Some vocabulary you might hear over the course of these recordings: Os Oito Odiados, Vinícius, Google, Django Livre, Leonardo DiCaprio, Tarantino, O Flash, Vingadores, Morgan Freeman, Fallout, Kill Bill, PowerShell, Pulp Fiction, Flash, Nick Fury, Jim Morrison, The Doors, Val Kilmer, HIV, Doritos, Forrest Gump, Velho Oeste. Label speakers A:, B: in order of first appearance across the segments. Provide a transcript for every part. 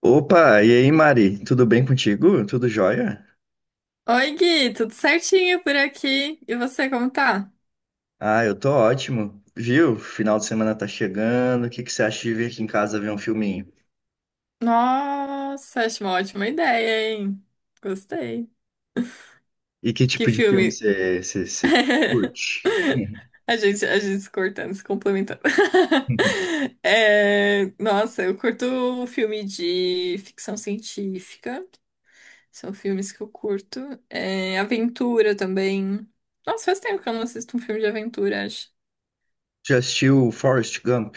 A: Opa, e aí, Mari? Tudo bem contigo? Tudo jóia?
B: Oi, Gui, tudo certinho por aqui? E você, como tá?
A: Ah, eu tô ótimo. Viu? Final de semana tá chegando. O que que você acha de vir aqui em casa ver um filminho?
B: Nossa, acho uma ótima ideia, hein? Gostei.
A: E que
B: Que
A: tipo de filme
B: filme?
A: você curte?
B: A gente se cortando, se complementando. É, nossa, eu curto filme de ficção científica. São filmes que eu curto. É, aventura também. Nossa, faz tempo que eu não assisto um filme de aventura, acho.
A: Já assistiu Forrest Gump?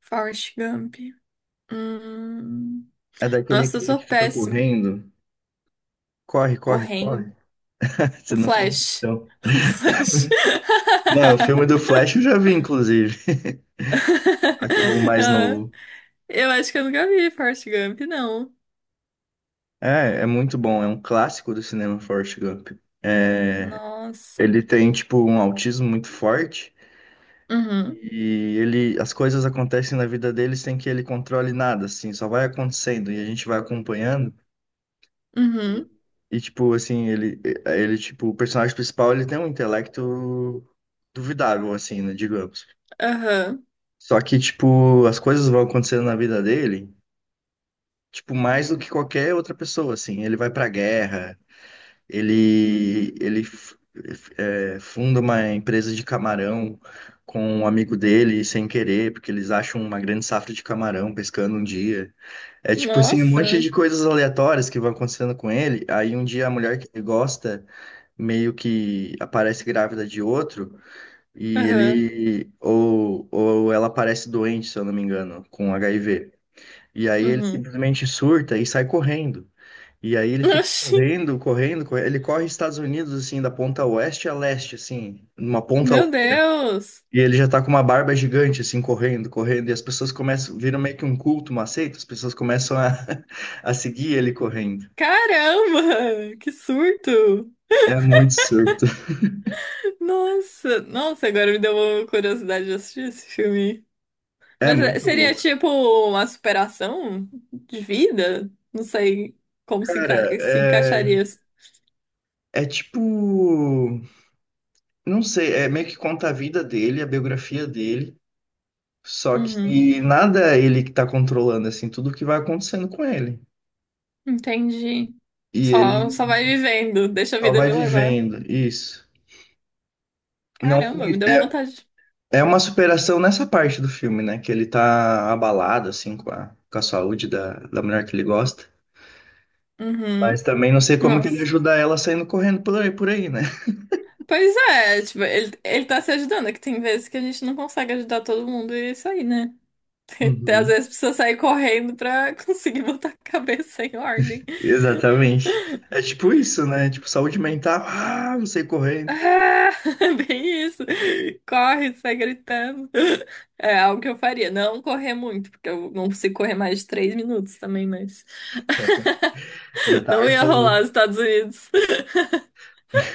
B: Forrest Gump. Hum.
A: É daquele
B: Nossa, eu
A: cara
B: sou
A: que fica
B: péssima.
A: correndo. Corre, corre, corre.
B: Correm.
A: Você
B: O
A: nunca viu,
B: Flash.
A: então.
B: O Flash.
A: Não, o filme do Flash eu já vi, inclusive. Aqui, o mais
B: Ah,
A: novo.
B: eu acho que eu nunca vi Forrest Gump, não.
A: É muito bom. É um clássico do cinema, Forrest Gump. É,
B: Nossa.
A: ele tem, tipo, um autismo muito forte.
B: Uhum.
A: E ele, as coisas acontecem na vida dele sem que ele controle nada, assim, só vai acontecendo e a gente vai acompanhando.
B: Uhum.
A: E tipo assim, ele tipo, o personagem principal, ele tem um intelecto duvidável assim, né, digamos.
B: Aham.
A: Só que tipo, as coisas vão acontecendo na vida dele, tipo, mais do que qualquer outra pessoa assim. Ele vai pra guerra. Ele é, funda uma empresa de camarão com um amigo dele, sem querer, porque eles acham uma grande safra de camarão pescando um dia. É tipo assim, um monte
B: Nossa.
A: de coisas aleatórias que vão acontecendo com ele. Aí um dia a mulher que ele gosta meio que aparece grávida de outro, e
B: Aham.
A: ele, ou ela aparece doente, se eu não me engano, com HIV. E aí ele
B: Uhum.
A: simplesmente surta e sai correndo. E aí ele fica
B: Oxi.
A: correndo, correndo, correndo. Ele corre Estados Unidos, assim, da ponta oeste a leste, assim, numa ponta a
B: Meu
A: outra.
B: Deus.
A: E ele já tá com uma barba gigante, assim, correndo, correndo. E as pessoas começam, viram meio que um culto, uma seita, as pessoas começam a, a seguir ele correndo.
B: Caramba! Que surto!
A: É muito surto.
B: Nossa, nossa, agora me deu uma curiosidade de assistir esse filme.
A: É
B: Mas é,
A: muito
B: seria
A: louco.
B: tipo uma superação de vida? Não sei como se,
A: Cara,
B: se
A: é,
B: encaixaria.
A: é tipo. Não sei, é meio que conta a vida dele, a biografia dele. Só
B: Uhum,
A: que nada é ele que tá controlando, assim, tudo que vai acontecendo com ele.
B: entendi.
A: E ele
B: Só vai vivendo, deixa a
A: só
B: vida
A: vai
B: me levar.
A: vivendo, isso. Não,
B: Caramba, me deu vontade.
A: é uma superação nessa parte do filme, né? Que ele tá abalado, assim, com a saúde da, da mulher que ele gosta. Mas
B: Uhum,
A: também não sei como que ele
B: nossa.
A: ajuda ela saindo correndo por aí, né?
B: Pois é, tipo, ele tá se ajudando, é que tem vezes que a gente não consegue ajudar todo mundo e é isso aí, né? Até às
A: Uhum.
B: vezes precisa sair correndo pra conseguir botar a cabeça em ordem.
A: Exatamente. É tipo isso, né? Tipo, saúde mental, ah, não sei correndo.
B: Ah, bem isso. Corre, sai gritando. É algo que eu faria. Não correr muito, porque eu não consigo correr mais de 3 minutos também, mas.
A: Já tá
B: Não ia
A: arfando.
B: rolar os Estados Unidos.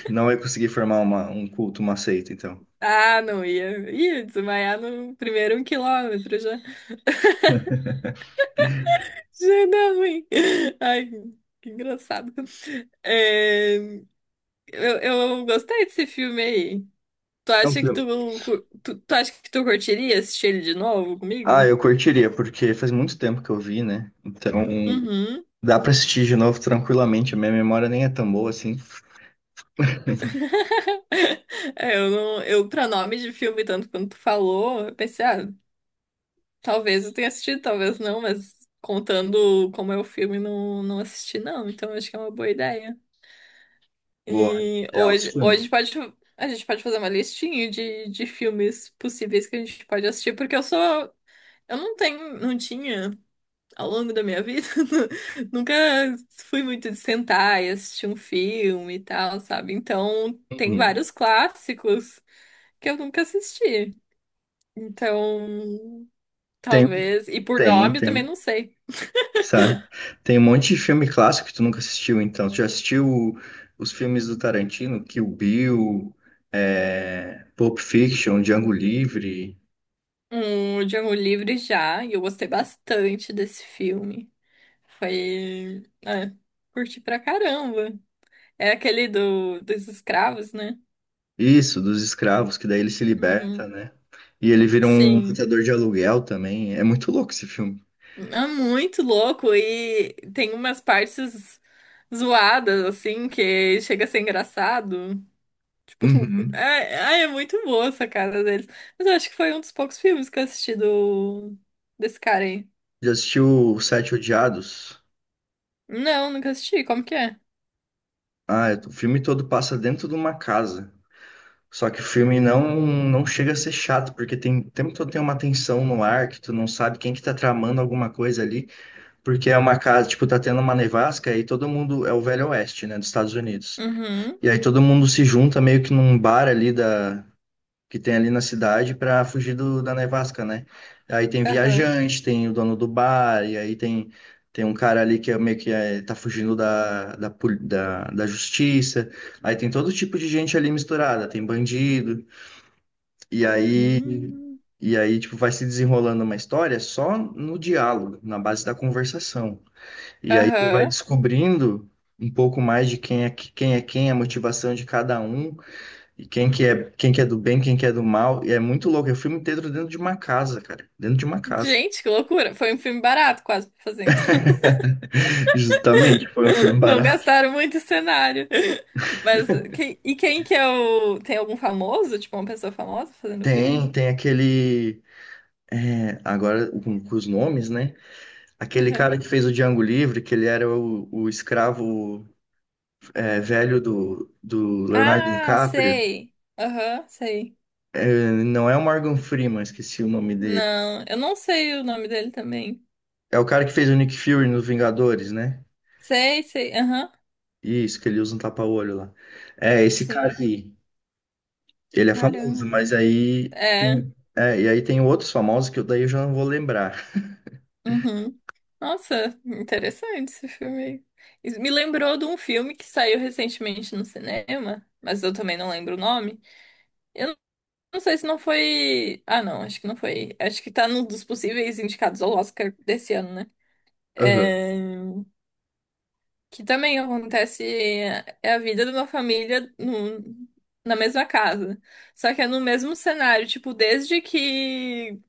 A: Não vai conseguir formar uma, um culto, uma seita, então.
B: Ah, não ia. Ia desmaiar no primeiro um quilômetro já. Já dá ruim. Ai, que engraçado. É, eu gostei desse filme aí. Tu
A: É um
B: acha que
A: filme.
B: tu, tu acha que tu curtiria assistir ele de novo
A: Ah,
B: comigo?
A: eu curtiria, porque faz muito tempo que eu vi, né? Então,
B: Uhum.
A: dá pra assistir de novo tranquilamente. A minha memória nem é tão boa assim.
B: É, eu não, eu pra nome de filme, tanto quanto tu falou, eu pensei, ah, talvez eu tenha assistido, talvez não, mas contando como é o filme, não, não assisti não, então acho que é uma boa ideia.
A: Boa.
B: E
A: É alto
B: hoje
A: filme.
B: pode, a gente pode fazer uma listinha de filmes possíveis que a gente pode assistir, porque eu sou, eu não tenho, não tinha ao longo da minha vida, nunca fui muito de sentar e assistir um filme e tal, sabe? Então tem
A: Uhum.
B: vários clássicos que eu nunca assisti. Então,
A: Tem,
B: talvez. E por
A: tem,
B: nome eu também
A: tem.
B: não sei.
A: Sabe? Tem um monte de filme clássico que tu nunca assistiu, então. Tu já assistiu os filmes do Tarantino, Kill Bill, é, Pulp Fiction, Django Livre,
B: Um, Django Livre já, e eu gostei bastante desse filme. Foi. É, curti pra caramba. É aquele do, dos escravos, né?
A: isso, dos escravos, que daí ele se liberta,
B: Uhum.
A: né? E ele vira um
B: Sim.
A: matador de aluguel também. É muito louco esse filme.
B: É muito louco e tem umas partes zoadas, assim, que chega a ser engraçado.
A: Uhum.
B: Ai, ai, é muito boa essa cara deles. Mas eu acho que foi um dos poucos filmes que eu assisti do... desse cara aí.
A: Já assistiu Os Sete Odiados?
B: Não, nunca assisti. Como que é?
A: Ah, o filme todo passa dentro de uma casa. Só que o filme não, não chega a ser chato, porque tem, o tempo todo tem uma tensão no ar que tu não sabe quem que tá tramando alguma coisa ali, porque é uma casa, tipo, tá tendo uma nevasca e todo mundo é o Velho Oeste, né, dos Estados Unidos.
B: Uhum.
A: E aí todo mundo se junta meio que num bar ali da que tem ali na cidade pra fugir do, da nevasca, né? Aí tem
B: Aham.
A: viajante, tem o dono do bar, e aí tem um cara ali que é meio que é, tá fugindo da, da justiça. Aí tem todo tipo de gente ali misturada, tem bandido. E aí,
B: Hum,
A: e aí, tipo, vai se desenrolando uma história só no diálogo, na base da conversação. E aí você vai
B: aham.
A: descobrindo um pouco mais de quem é quem, a motivação de cada um, e quem que é do bem, quem que é do mal. E é muito louco, é o filme inteiro dentro de uma casa, cara, dentro de uma casa.
B: Gente, que loucura. Foi um filme barato quase pra fazer, então.
A: Justamente, foi um filme
B: Não
A: barato.
B: gastaram muito em cenário. Mas e quem que é o... Tem algum famoso? Tipo, uma pessoa famosa fazendo o filme?
A: Tem, tem aquele. É, agora com os nomes, né? Aquele
B: Aham.
A: cara que fez o Django Livre, que ele era o escravo. É, velho do, do Leonardo
B: Ah,
A: DiCaprio.
B: sei. Aham, sei.
A: É, não é o Morgan Freeman, esqueci o nome dele.
B: Não, eu não sei o nome dele também.
A: É o cara que fez o Nick Fury nos Vingadores, né?
B: Sei, sei. Aham.
A: Isso, que ele usa um tapa-olho lá. É, esse cara
B: Sim.
A: aí, ele é famoso,
B: Caramba.
A: mas aí.
B: É.
A: É, e aí tem outros famosos que eu daí eu já não vou lembrar.
B: Uhum. Nossa, interessante esse filme. Aí. Isso me lembrou de um filme que saiu recentemente no cinema, mas eu também não lembro o nome. Eu não sei se não foi. Ah, não, acho que não foi. Acho que tá num dos possíveis indicados ao Oscar desse ano, né?
A: Aham.
B: É, que também acontece. É a vida de uma família no... na mesma casa. Só que é no mesmo cenário, tipo, desde que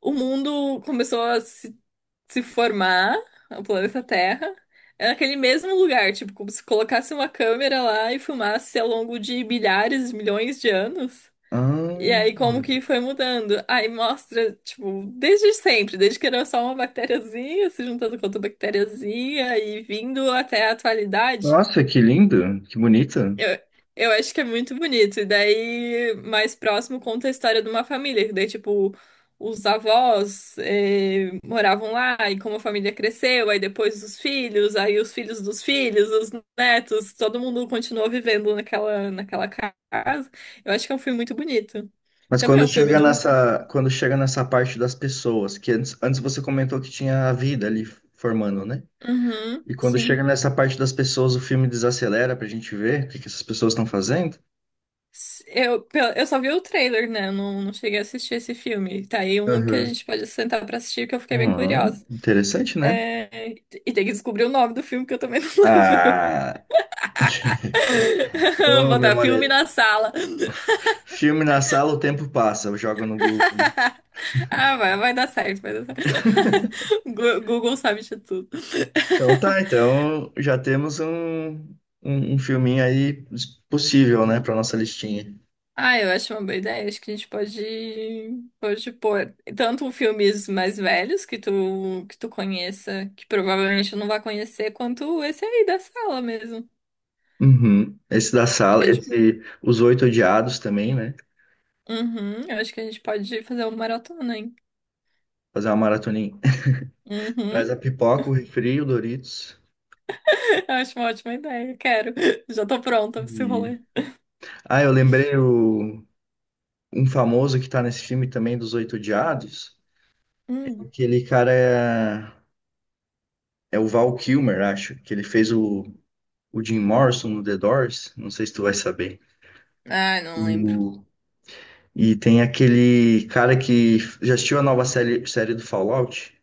B: o mundo começou a se formar, o planeta Terra, é naquele mesmo lugar, tipo, como se colocasse uma câmera lá e filmasse ao longo de milhares, milhões de anos. E
A: Ah,
B: aí, como que foi mudando? Aí mostra, tipo, desde sempre, desde que era só uma bactériazinha se juntando com outra bactériazinha e vindo até a atualidade.
A: nossa, que lindo, que bonito.
B: Eu, eu acho que é muito bonito. E daí, mais próximo, conta a história de uma família. Que daí, tipo, os avós moravam lá e como a família cresceu, aí depois os filhos, aí os filhos dos filhos, os netos, todo mundo continuou vivendo naquela casa. Eu acho que é um filme muito bonito.
A: Mas
B: Também é um filme de um.
A: quando chega nessa parte das pessoas, que antes você comentou que tinha a vida ali formando, né?
B: Uhum,
A: E quando
B: sim.
A: chega nessa parte das pessoas, o filme desacelera pra gente ver o que que essas pessoas estão fazendo.
B: Eu só vi o trailer, né? Eu não, não cheguei a assistir esse filme. Tá aí um que a
A: Aham.
B: gente pode sentar pra assistir, que eu fiquei bem curiosa.
A: Interessante, né?
B: É, e tem que descobrir o nome do filme, que eu também não lembro.
A: Ah, ô,
B: Botar
A: memória.
B: filme na sala.
A: Filme na sala, o tempo passa, eu jogo no Google.
B: Ah, vai dar certo, vai dar certo. Google sabe de tudo.
A: Então tá, então já temos um filminho aí possível, né, pra nossa listinha.
B: Ah, eu acho uma boa ideia. Acho que a gente pode, pôr tanto filmes mais velhos que tu conheça, que provavelmente eu não vai conhecer, quanto esse aí da sala mesmo.
A: Uhum. Esse da
B: Acho que a
A: sala,
B: gente,
A: esse Os Oito Odiados também, né?
B: uhum, eu acho que a gente pode fazer uma maratona, hein?
A: Fazer uma maratoninha. Traz
B: Uhum.
A: a pipoca, o refri, o Doritos.
B: Eu acho uma ótima ideia. Quero. Já tô pronta pra esse
A: E...
B: rolê.
A: ah, eu lembrei o um famoso que tá nesse filme também dos Oito Odiados, é
B: Hum.
A: aquele é o Val Kilmer, acho, que ele fez o Jim Morrison no The Doors, não sei se tu vai saber.
B: Ah, não lembro.
A: O- E tem aquele cara que já assistiu a nova série do Fallout?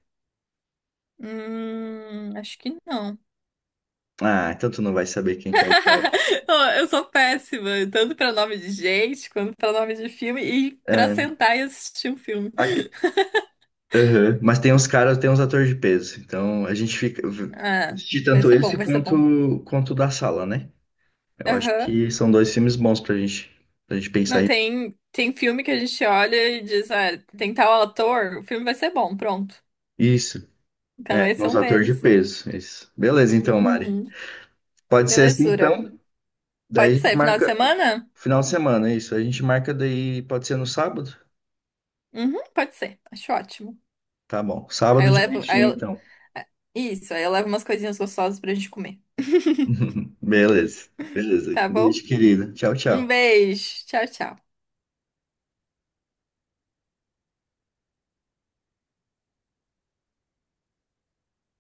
B: Acho que não.
A: Ah, então tu não vai saber quem que é o cara.
B: Ô, eu sou péssima, tanto pra nome de gente, quanto pra nome de filme, e pra
A: É,
B: sentar e assistir um filme.
A: aqui- aham. Mas tem uns caras, tem uns atores de peso, então a gente fica
B: Ah,
A: assistir
B: vai
A: tanto
B: ser bom,
A: esse
B: vai ser bom.
A: quanto o da sala, né? Eu acho
B: Aham.
A: que são dois filmes bons pra gente pensar
B: Não, tem filme que a gente olha e diz, ah, tem tal ator, o filme vai ser bom, pronto.
A: isso.
B: Então
A: É,
B: esse é
A: nos
B: um
A: atores de
B: deles.
A: peso. Isso. Beleza, então, Mari.
B: Uhum.
A: Pode ser assim,
B: Belezura.
A: então. Daí
B: Pode
A: a gente
B: ser, final de
A: marca
B: semana?
A: final de semana, isso. A gente marca daí, pode ser no sábado?
B: Uhum, pode ser, acho ótimo.
A: Tá bom.
B: Aí
A: Sábado
B: eu
A: de
B: levo,
A: noitinha, então.
B: ah, isso, aí eu levo umas coisinhas gostosas pra gente comer,
A: Beleza. Beleza.
B: tá bom?
A: Beijo, querida. Tchau,
B: Um
A: tchau.
B: beijo, tchau, tchau.